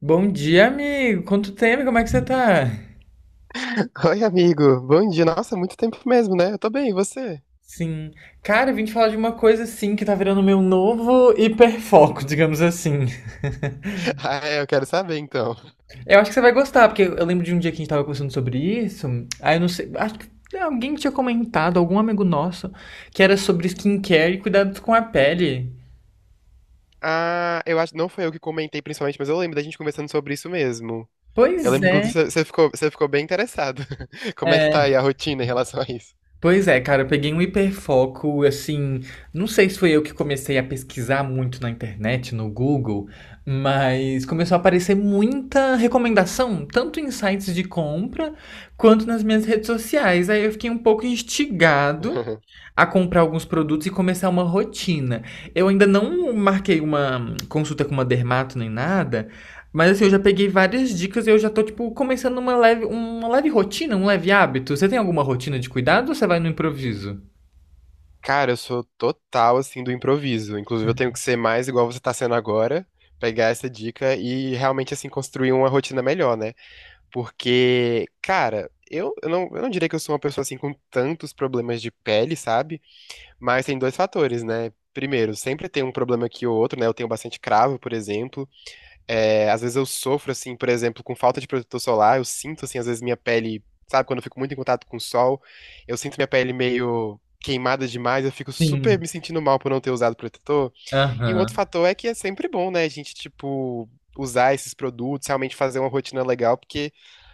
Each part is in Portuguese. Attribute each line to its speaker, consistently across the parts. Speaker 1: Bom dia, amigo. Quanto tempo? Como é que você tá?
Speaker 2: Oi, amigo. Bom dia. Nossa, muito tempo mesmo, né? Eu tô bem, e você?
Speaker 1: Sim. Cara, eu vim te falar de uma coisa assim que tá virando meu novo hiperfoco, digamos assim.
Speaker 2: Ah, é, eu quero saber então.
Speaker 1: Eu acho que você vai gostar, porque eu lembro de um dia que a gente tava conversando sobre isso. Aí eu não sei, acho que alguém tinha comentado, algum amigo nosso, que era sobre skincare e cuidados com a pele.
Speaker 2: Ah, eu acho, não foi eu que comentei principalmente, mas eu lembro da gente conversando sobre isso mesmo. Eu
Speaker 1: Pois
Speaker 2: lembro que
Speaker 1: é.
Speaker 2: inclusive você ficou bem interessado. Como é que tá
Speaker 1: É.
Speaker 2: aí a rotina em relação a isso?
Speaker 1: Pois é, cara, eu peguei um hiperfoco, assim, não sei se foi eu que comecei a pesquisar muito na internet, no Google, mas começou a aparecer muita recomendação, tanto em sites de compra quanto nas minhas redes sociais. Aí eu fiquei um pouco instigado a comprar alguns produtos e começar uma rotina. Eu ainda não marquei uma consulta com uma dermato nem nada, mas assim, eu já peguei várias dicas e eu já tô, tipo, começando uma leve rotina, um leve hábito. Você tem alguma rotina de cuidado ou você vai no improviso?
Speaker 2: Cara, eu sou total assim do improviso. Inclusive, eu tenho que ser mais igual você tá sendo agora, pegar essa dica e realmente assim construir uma rotina melhor, né? Porque, cara, eu não diria que eu sou uma pessoa assim com tantos problemas de pele, sabe? Mas tem dois fatores, né? Primeiro, sempre tem um problema aqui ou outro, né? Eu tenho bastante cravo, por exemplo. É, às vezes eu sofro, assim, por exemplo, com falta de protetor solar. Eu sinto, assim, às vezes minha pele, sabe, quando eu fico muito em contato com o sol, eu sinto minha pele meio queimada demais. Eu fico super
Speaker 1: Sim.
Speaker 2: me sentindo mal por não ter usado protetor. E um outro
Speaker 1: Aham.
Speaker 2: fator é que é sempre bom, né? A gente, tipo, usar esses produtos, realmente fazer uma rotina legal, porque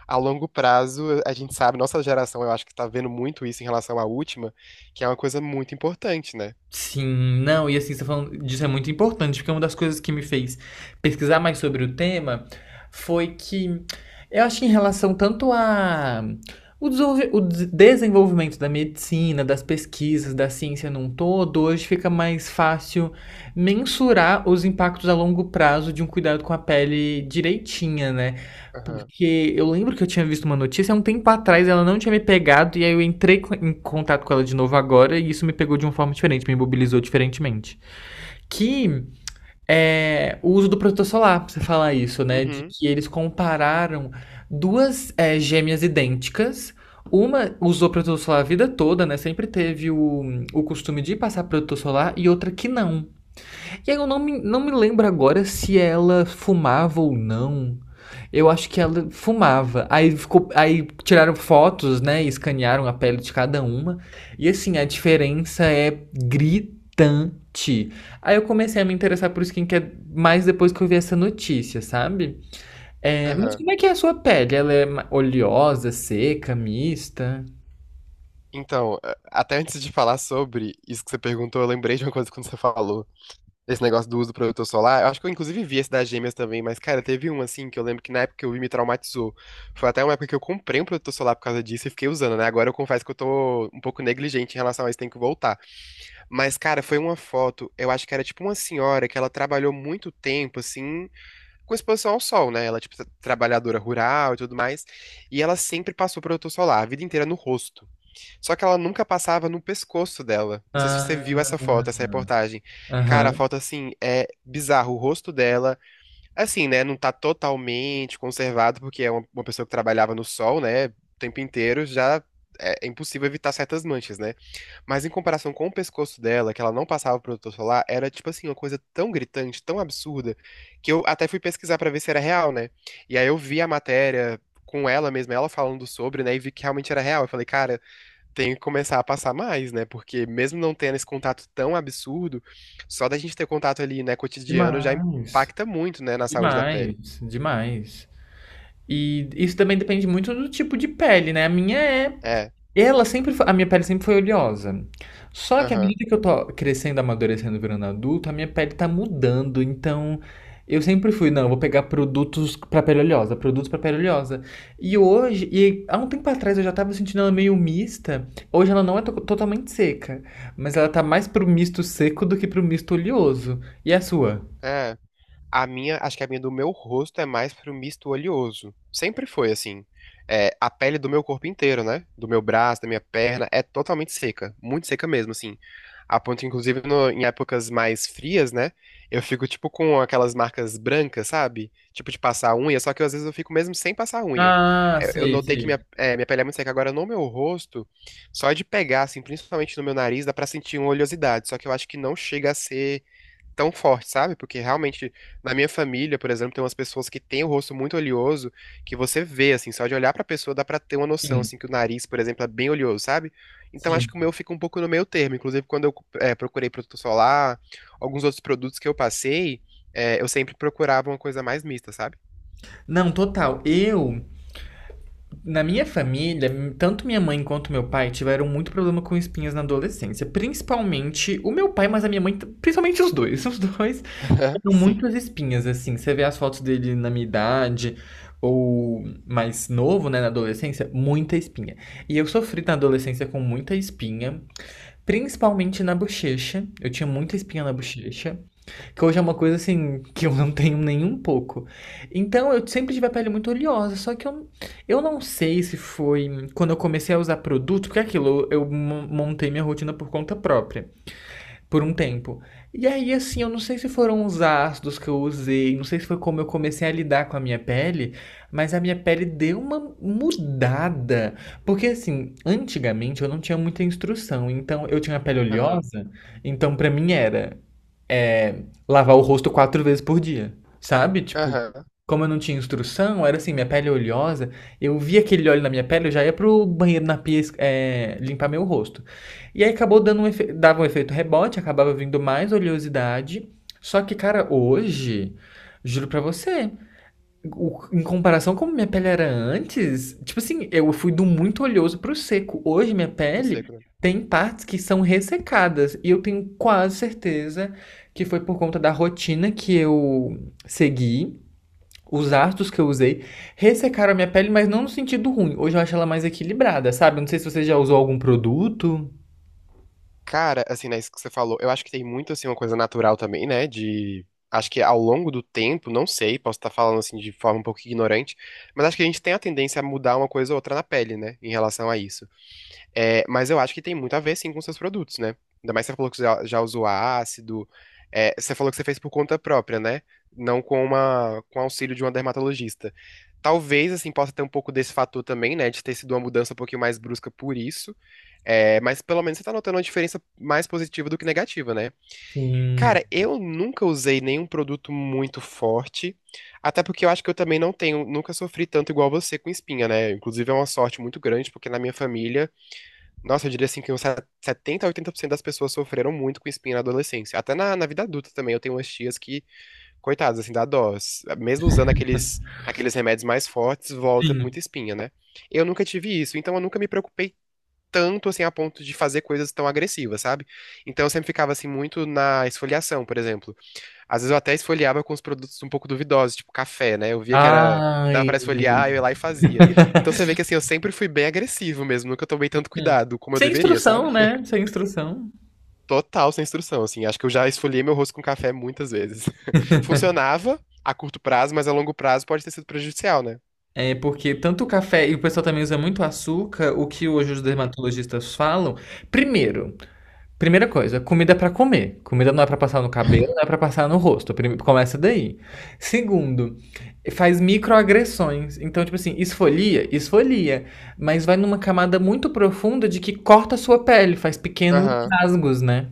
Speaker 2: a longo prazo, a gente sabe, nossa geração, eu acho que tá vendo muito isso em relação à última, que é uma coisa muito importante, né?
Speaker 1: Sim, não, e assim, você tá falando disso é muito importante, porque uma das coisas que me fez pesquisar mais sobre o tema foi que eu acho que em relação tanto a o, desenvolvimento da medicina, das pesquisas, da ciência num todo, hoje fica mais fácil mensurar os impactos a longo prazo de um cuidado com a pele direitinha, né?
Speaker 2: Aham.
Speaker 1: Porque eu lembro que eu tinha visto uma notícia há um tempo atrás, ela não tinha me pegado, e aí eu entrei em contato com ela de novo agora, e isso me pegou de uma forma diferente, me mobilizou diferentemente. Que é o uso do protetor solar, pra você falar isso, né? De
Speaker 2: Uhum.
Speaker 1: que eles compararam duas gêmeas idênticas. Uma usou protetor solar a vida toda, né? Sempre teve o costume de passar protetor solar, e outra que não. E aí eu não me lembro agora se ela fumava ou não. Eu acho que ela fumava. Aí ficou, aí tiraram fotos, né? Escanearam a pele de cada uma. E assim, a diferença é gritante. Aí eu comecei a me interessar por skincare mais depois que eu vi essa notícia, sabe? É, mas
Speaker 2: Aham.
Speaker 1: como é que é a sua pele? Ela é oleosa, seca, mista?
Speaker 2: Então, até antes de falar sobre isso que você perguntou, eu lembrei de uma coisa quando você falou. Esse negócio do uso do protetor solar. Eu acho que eu inclusive vi esse das gêmeas também, mas, cara, teve um assim que eu lembro que na época que eu vi me traumatizou. Foi até uma época que eu comprei um protetor solar por causa disso e fiquei usando, né? Agora eu confesso que eu tô um pouco negligente em relação a isso, tem que voltar. Mas, cara, foi uma foto, eu acho que era tipo uma senhora que ela trabalhou muito tempo, assim. Com exposição ao sol, né? Ela é, tipo, trabalhadora rural e tudo mais. E ela sempre passou protetor solar, a vida inteira no rosto. Só que ela nunca passava no pescoço dela. Não sei se você viu
Speaker 1: Ah,
Speaker 2: essa foto, essa reportagem. Cara, a
Speaker 1: aham.
Speaker 2: foto, assim, é bizarro. O rosto dela assim, né? Não tá totalmente conservado, porque é uma pessoa que trabalhava no sol, né? O tempo inteiro já é, é impossível evitar certas manchas, né? Mas em comparação com o pescoço dela, que ela não passava protetor solar, era tipo assim, uma coisa tão gritante, tão absurda, que eu até fui pesquisar pra ver se era real, né? E aí eu vi a matéria com ela mesma, ela falando sobre, né? E vi que realmente era real. Eu falei, cara, tem que começar a passar mais, né? Porque mesmo não tendo esse contato tão absurdo, só da gente ter contato ali, né, cotidiano já
Speaker 1: Demais.
Speaker 2: impacta muito, né, na saúde da pele.
Speaker 1: Demais, demais. E isso também depende muito do tipo de pele, né? A minha é.
Speaker 2: É,
Speaker 1: Ela sempre foi. A minha pele sempre foi oleosa. Só que à
Speaker 2: aham,
Speaker 1: medida que eu tô crescendo, amadurecendo, virando adulto, a minha pele tá mudando. Então, eu sempre fui, não, eu vou pegar produtos pra pele oleosa. E hoje, e há um tempo atrás eu já tava sentindo ela meio mista. Hoje ela não é totalmente seca, mas ela tá mais pro misto seco do que pro misto oleoso. E a sua?
Speaker 2: é. A minha, acho que a minha do meu rosto é mais pro misto oleoso. Sempre foi assim. É, a pele do meu corpo inteiro, né? Do meu braço, da minha perna, é totalmente seca. Muito seca mesmo, assim. A ponto, inclusive, em épocas mais frias, né? Eu fico, tipo, com aquelas marcas brancas, sabe? Tipo, de passar unha, só que às vezes eu fico mesmo sem passar unha.
Speaker 1: Ah,
Speaker 2: Eu
Speaker 1: sei,
Speaker 2: notei que minha,
Speaker 1: sei.
Speaker 2: é, minha pele é muito seca. Agora, no meu rosto, só de pegar, assim, principalmente no meu nariz, dá pra sentir uma oleosidade. Só que eu acho que não chega a ser tão forte, sabe? Porque realmente, na minha família, por exemplo, tem umas pessoas que têm o rosto muito oleoso, que você vê, assim, só de olhar pra pessoa dá pra ter uma noção,
Speaker 1: Sim,
Speaker 2: assim, que o nariz, por exemplo, é bem oleoso, sabe? Então acho
Speaker 1: sim.
Speaker 2: que o meu fica um pouco no meio termo. Inclusive, quando eu procurei protetor solar, alguns outros produtos que eu passei, eu sempre procurava uma coisa mais mista, sabe?
Speaker 1: Não, total. Eu. Na minha família, tanto minha mãe quanto meu pai tiveram muito problema com espinhas na adolescência. Principalmente o meu pai, mas a minha mãe, principalmente os dois. Os dois
Speaker 2: Aham,
Speaker 1: tiveram
Speaker 2: sim.
Speaker 1: muitas espinhas, assim. Você vê as fotos dele na minha idade, ou mais novo, né, na adolescência, muita espinha. E eu sofri na adolescência com muita espinha, principalmente na bochecha. Eu tinha muita espinha na
Speaker 2: Uhum.
Speaker 1: bochecha. Que hoje é uma coisa assim que eu não tenho nem um pouco. Então eu sempre tive a pele muito oleosa, eu não sei se foi quando eu comecei a usar produto, porque é aquilo, eu montei minha rotina por conta própria, por um tempo. E aí assim, eu não sei se foram os ácidos que eu usei, não sei se foi como eu comecei a lidar com a minha pele, mas a minha pele deu uma mudada. Porque assim, antigamente eu não tinha muita instrução, então eu tinha a pele
Speaker 2: Aham.
Speaker 1: oleosa, então pra mim era é, lavar o rosto 4 vezes por dia, sabe? Tipo,
Speaker 2: Aham.
Speaker 1: como eu não tinha instrução, era assim, minha pele é oleosa, eu via aquele óleo na minha pele, eu já ia pro banheiro na pia, limpar meu rosto. E aí acabou dando um dava um efeito rebote, acabava vindo mais oleosidade. Só que, cara, hoje, juro pra você em comparação como minha pele era antes, tipo assim, eu fui do muito oleoso pro seco. Hoje minha
Speaker 2: Pro
Speaker 1: pele
Speaker 2: seco, né?
Speaker 1: tem partes que são ressecadas e eu tenho quase certeza que foi por conta da rotina que eu segui, os ácidos que eu usei ressecaram a minha pele, mas não no sentido ruim. Hoje eu acho ela mais equilibrada, sabe? Não sei se você já usou algum produto.
Speaker 2: Cara, assim, né, isso que você falou, eu acho que tem muito, assim, uma coisa natural também, né, de... Acho que ao longo do tempo, não sei, posso estar falando, assim, de forma um pouco ignorante, mas acho que a gente tem a tendência a mudar uma coisa ou outra na pele, né, em relação a isso. É, mas eu acho que tem muito a ver, sim, com seus produtos, né? Ainda mais que você falou que já usou ácido, é, você falou que você fez por conta própria, né? Não com com auxílio de uma dermatologista. Talvez, assim, possa ter um pouco desse fator também, né, de ter sido uma mudança um pouquinho mais brusca por isso, é, mas pelo menos você tá notando uma diferença mais positiva do que negativa, né?
Speaker 1: Sim.
Speaker 2: Cara, eu nunca usei nenhum produto muito forte, até porque eu acho que eu também não tenho, nunca sofri tanto igual você com espinha, né? Inclusive é uma sorte muito grande, porque na minha família, nossa, eu diria assim que uns 70 a oitenta por cento das pessoas sofreram muito com espinha na adolescência. Até na vida adulta também, eu tenho umas tias que, coitadas, assim, dá dó. Mesmo usando aqueles remédios mais fortes, volta
Speaker 1: Sim.
Speaker 2: muita espinha, né? Eu nunca tive isso, então eu nunca me preocupei tanto assim a ponto de fazer coisas tão agressivas, sabe? Então eu sempre ficava assim muito na esfoliação, por exemplo. Às vezes eu até esfoliava com os produtos um pouco duvidosos, tipo café, né? Eu via que era que dava
Speaker 1: Ai.
Speaker 2: pra esfoliar, eu ia lá e fazia. Então você vê que assim eu sempre fui bem agressivo mesmo, nunca tomei tanto
Speaker 1: Hum.
Speaker 2: cuidado como eu
Speaker 1: Sem
Speaker 2: deveria,
Speaker 1: instrução,
Speaker 2: sabe?
Speaker 1: né? Sem instrução.
Speaker 2: Total sem instrução, assim. Acho que eu já esfoliei meu rosto com café muitas vezes. Funcionava a curto prazo, mas a longo prazo pode ter sido prejudicial, né?
Speaker 1: É porque tanto o café e o pessoal também usa muito açúcar, o que hoje os
Speaker 2: Uhum.
Speaker 1: dermatologistas falam. Primeiro, primeira coisa, comida é pra comer. Comida não é pra passar no cabelo, não é pra passar no rosto. Começa daí. Segundo, faz microagressões. Então, tipo assim, esfolia, esfolia, mas vai numa camada muito profunda de que corta a sua pele, faz pequenos
Speaker 2: Aham.
Speaker 1: rasgos, né?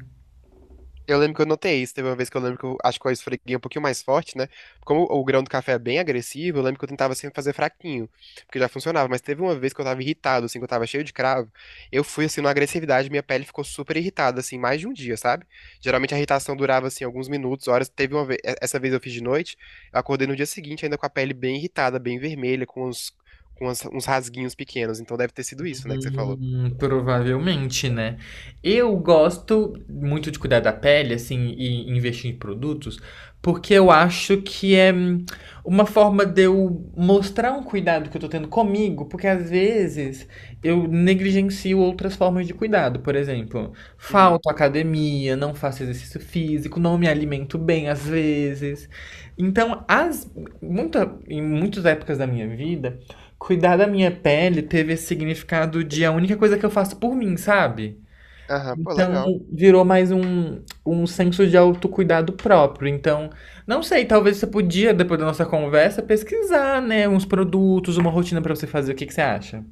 Speaker 2: Eu lembro que eu notei isso. Teve uma vez que eu lembro que eu acho que eu esfreguei um pouquinho mais forte, né? Como o grão do café é bem agressivo, eu lembro que eu tentava sempre fazer fraquinho, porque já funcionava. Mas teve uma vez que eu tava irritado, assim, que eu tava cheio de cravo. Eu fui, assim, numa agressividade, minha pele ficou super irritada, assim, mais de um dia, sabe? Geralmente a irritação durava, assim, alguns minutos, horas. Teve uma vez, essa vez eu fiz de noite, eu acordei no dia seguinte ainda com a pele bem irritada, bem vermelha, com uns, com uns rasguinhos pequenos. Então deve ter sido isso, né, que você falou.
Speaker 1: Provavelmente, né? Eu gosto muito de cuidar da pele, assim, e investir em produtos, porque eu acho que é uma forma de eu mostrar um cuidado que eu tô tendo comigo, porque às vezes eu negligencio outras formas de cuidado. Por exemplo,
Speaker 2: Uhum.
Speaker 1: falto à academia, não faço exercício físico, não me alimento bem às vezes. Então, em muitas épocas da minha vida, cuidar da minha pele teve esse significado de a única coisa que eu faço por mim, sabe?
Speaker 2: Aham, pô,
Speaker 1: Então
Speaker 2: legal.
Speaker 1: virou um senso de autocuidado próprio. Então, não sei, talvez você podia, depois da nossa conversa, pesquisar, né, uns produtos, uma rotina pra você fazer. O que que você acha?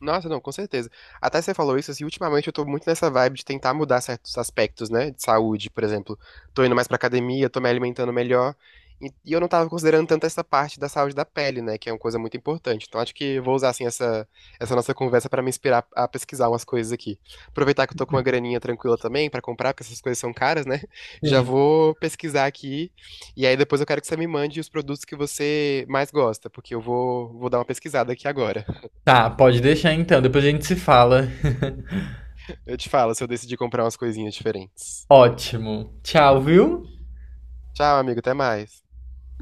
Speaker 2: Nossa, não, com certeza. Até você falou isso, assim, ultimamente eu tô muito nessa vibe de tentar mudar certos aspectos, né, de saúde, por exemplo. Tô indo mais pra academia, tô me alimentando melhor, e eu não tava considerando tanto essa parte da saúde da pele, né, que é uma coisa muito importante. Então acho que eu vou usar, assim, essa nossa conversa pra me inspirar a pesquisar umas coisas aqui. Aproveitar que eu tô com uma graninha tranquila também pra comprar, porque essas coisas são caras, né, já
Speaker 1: Sim.
Speaker 2: vou pesquisar aqui, e aí depois eu quero que você me mande os produtos que você mais gosta, porque vou dar uma pesquisada aqui agora.
Speaker 1: Tá, pode deixar então. Depois a gente se fala.
Speaker 2: Eu te falo se eu decidir comprar umas coisinhas diferentes.
Speaker 1: Ótimo. Tchau, viu?
Speaker 2: Tchau, amigo, até mais.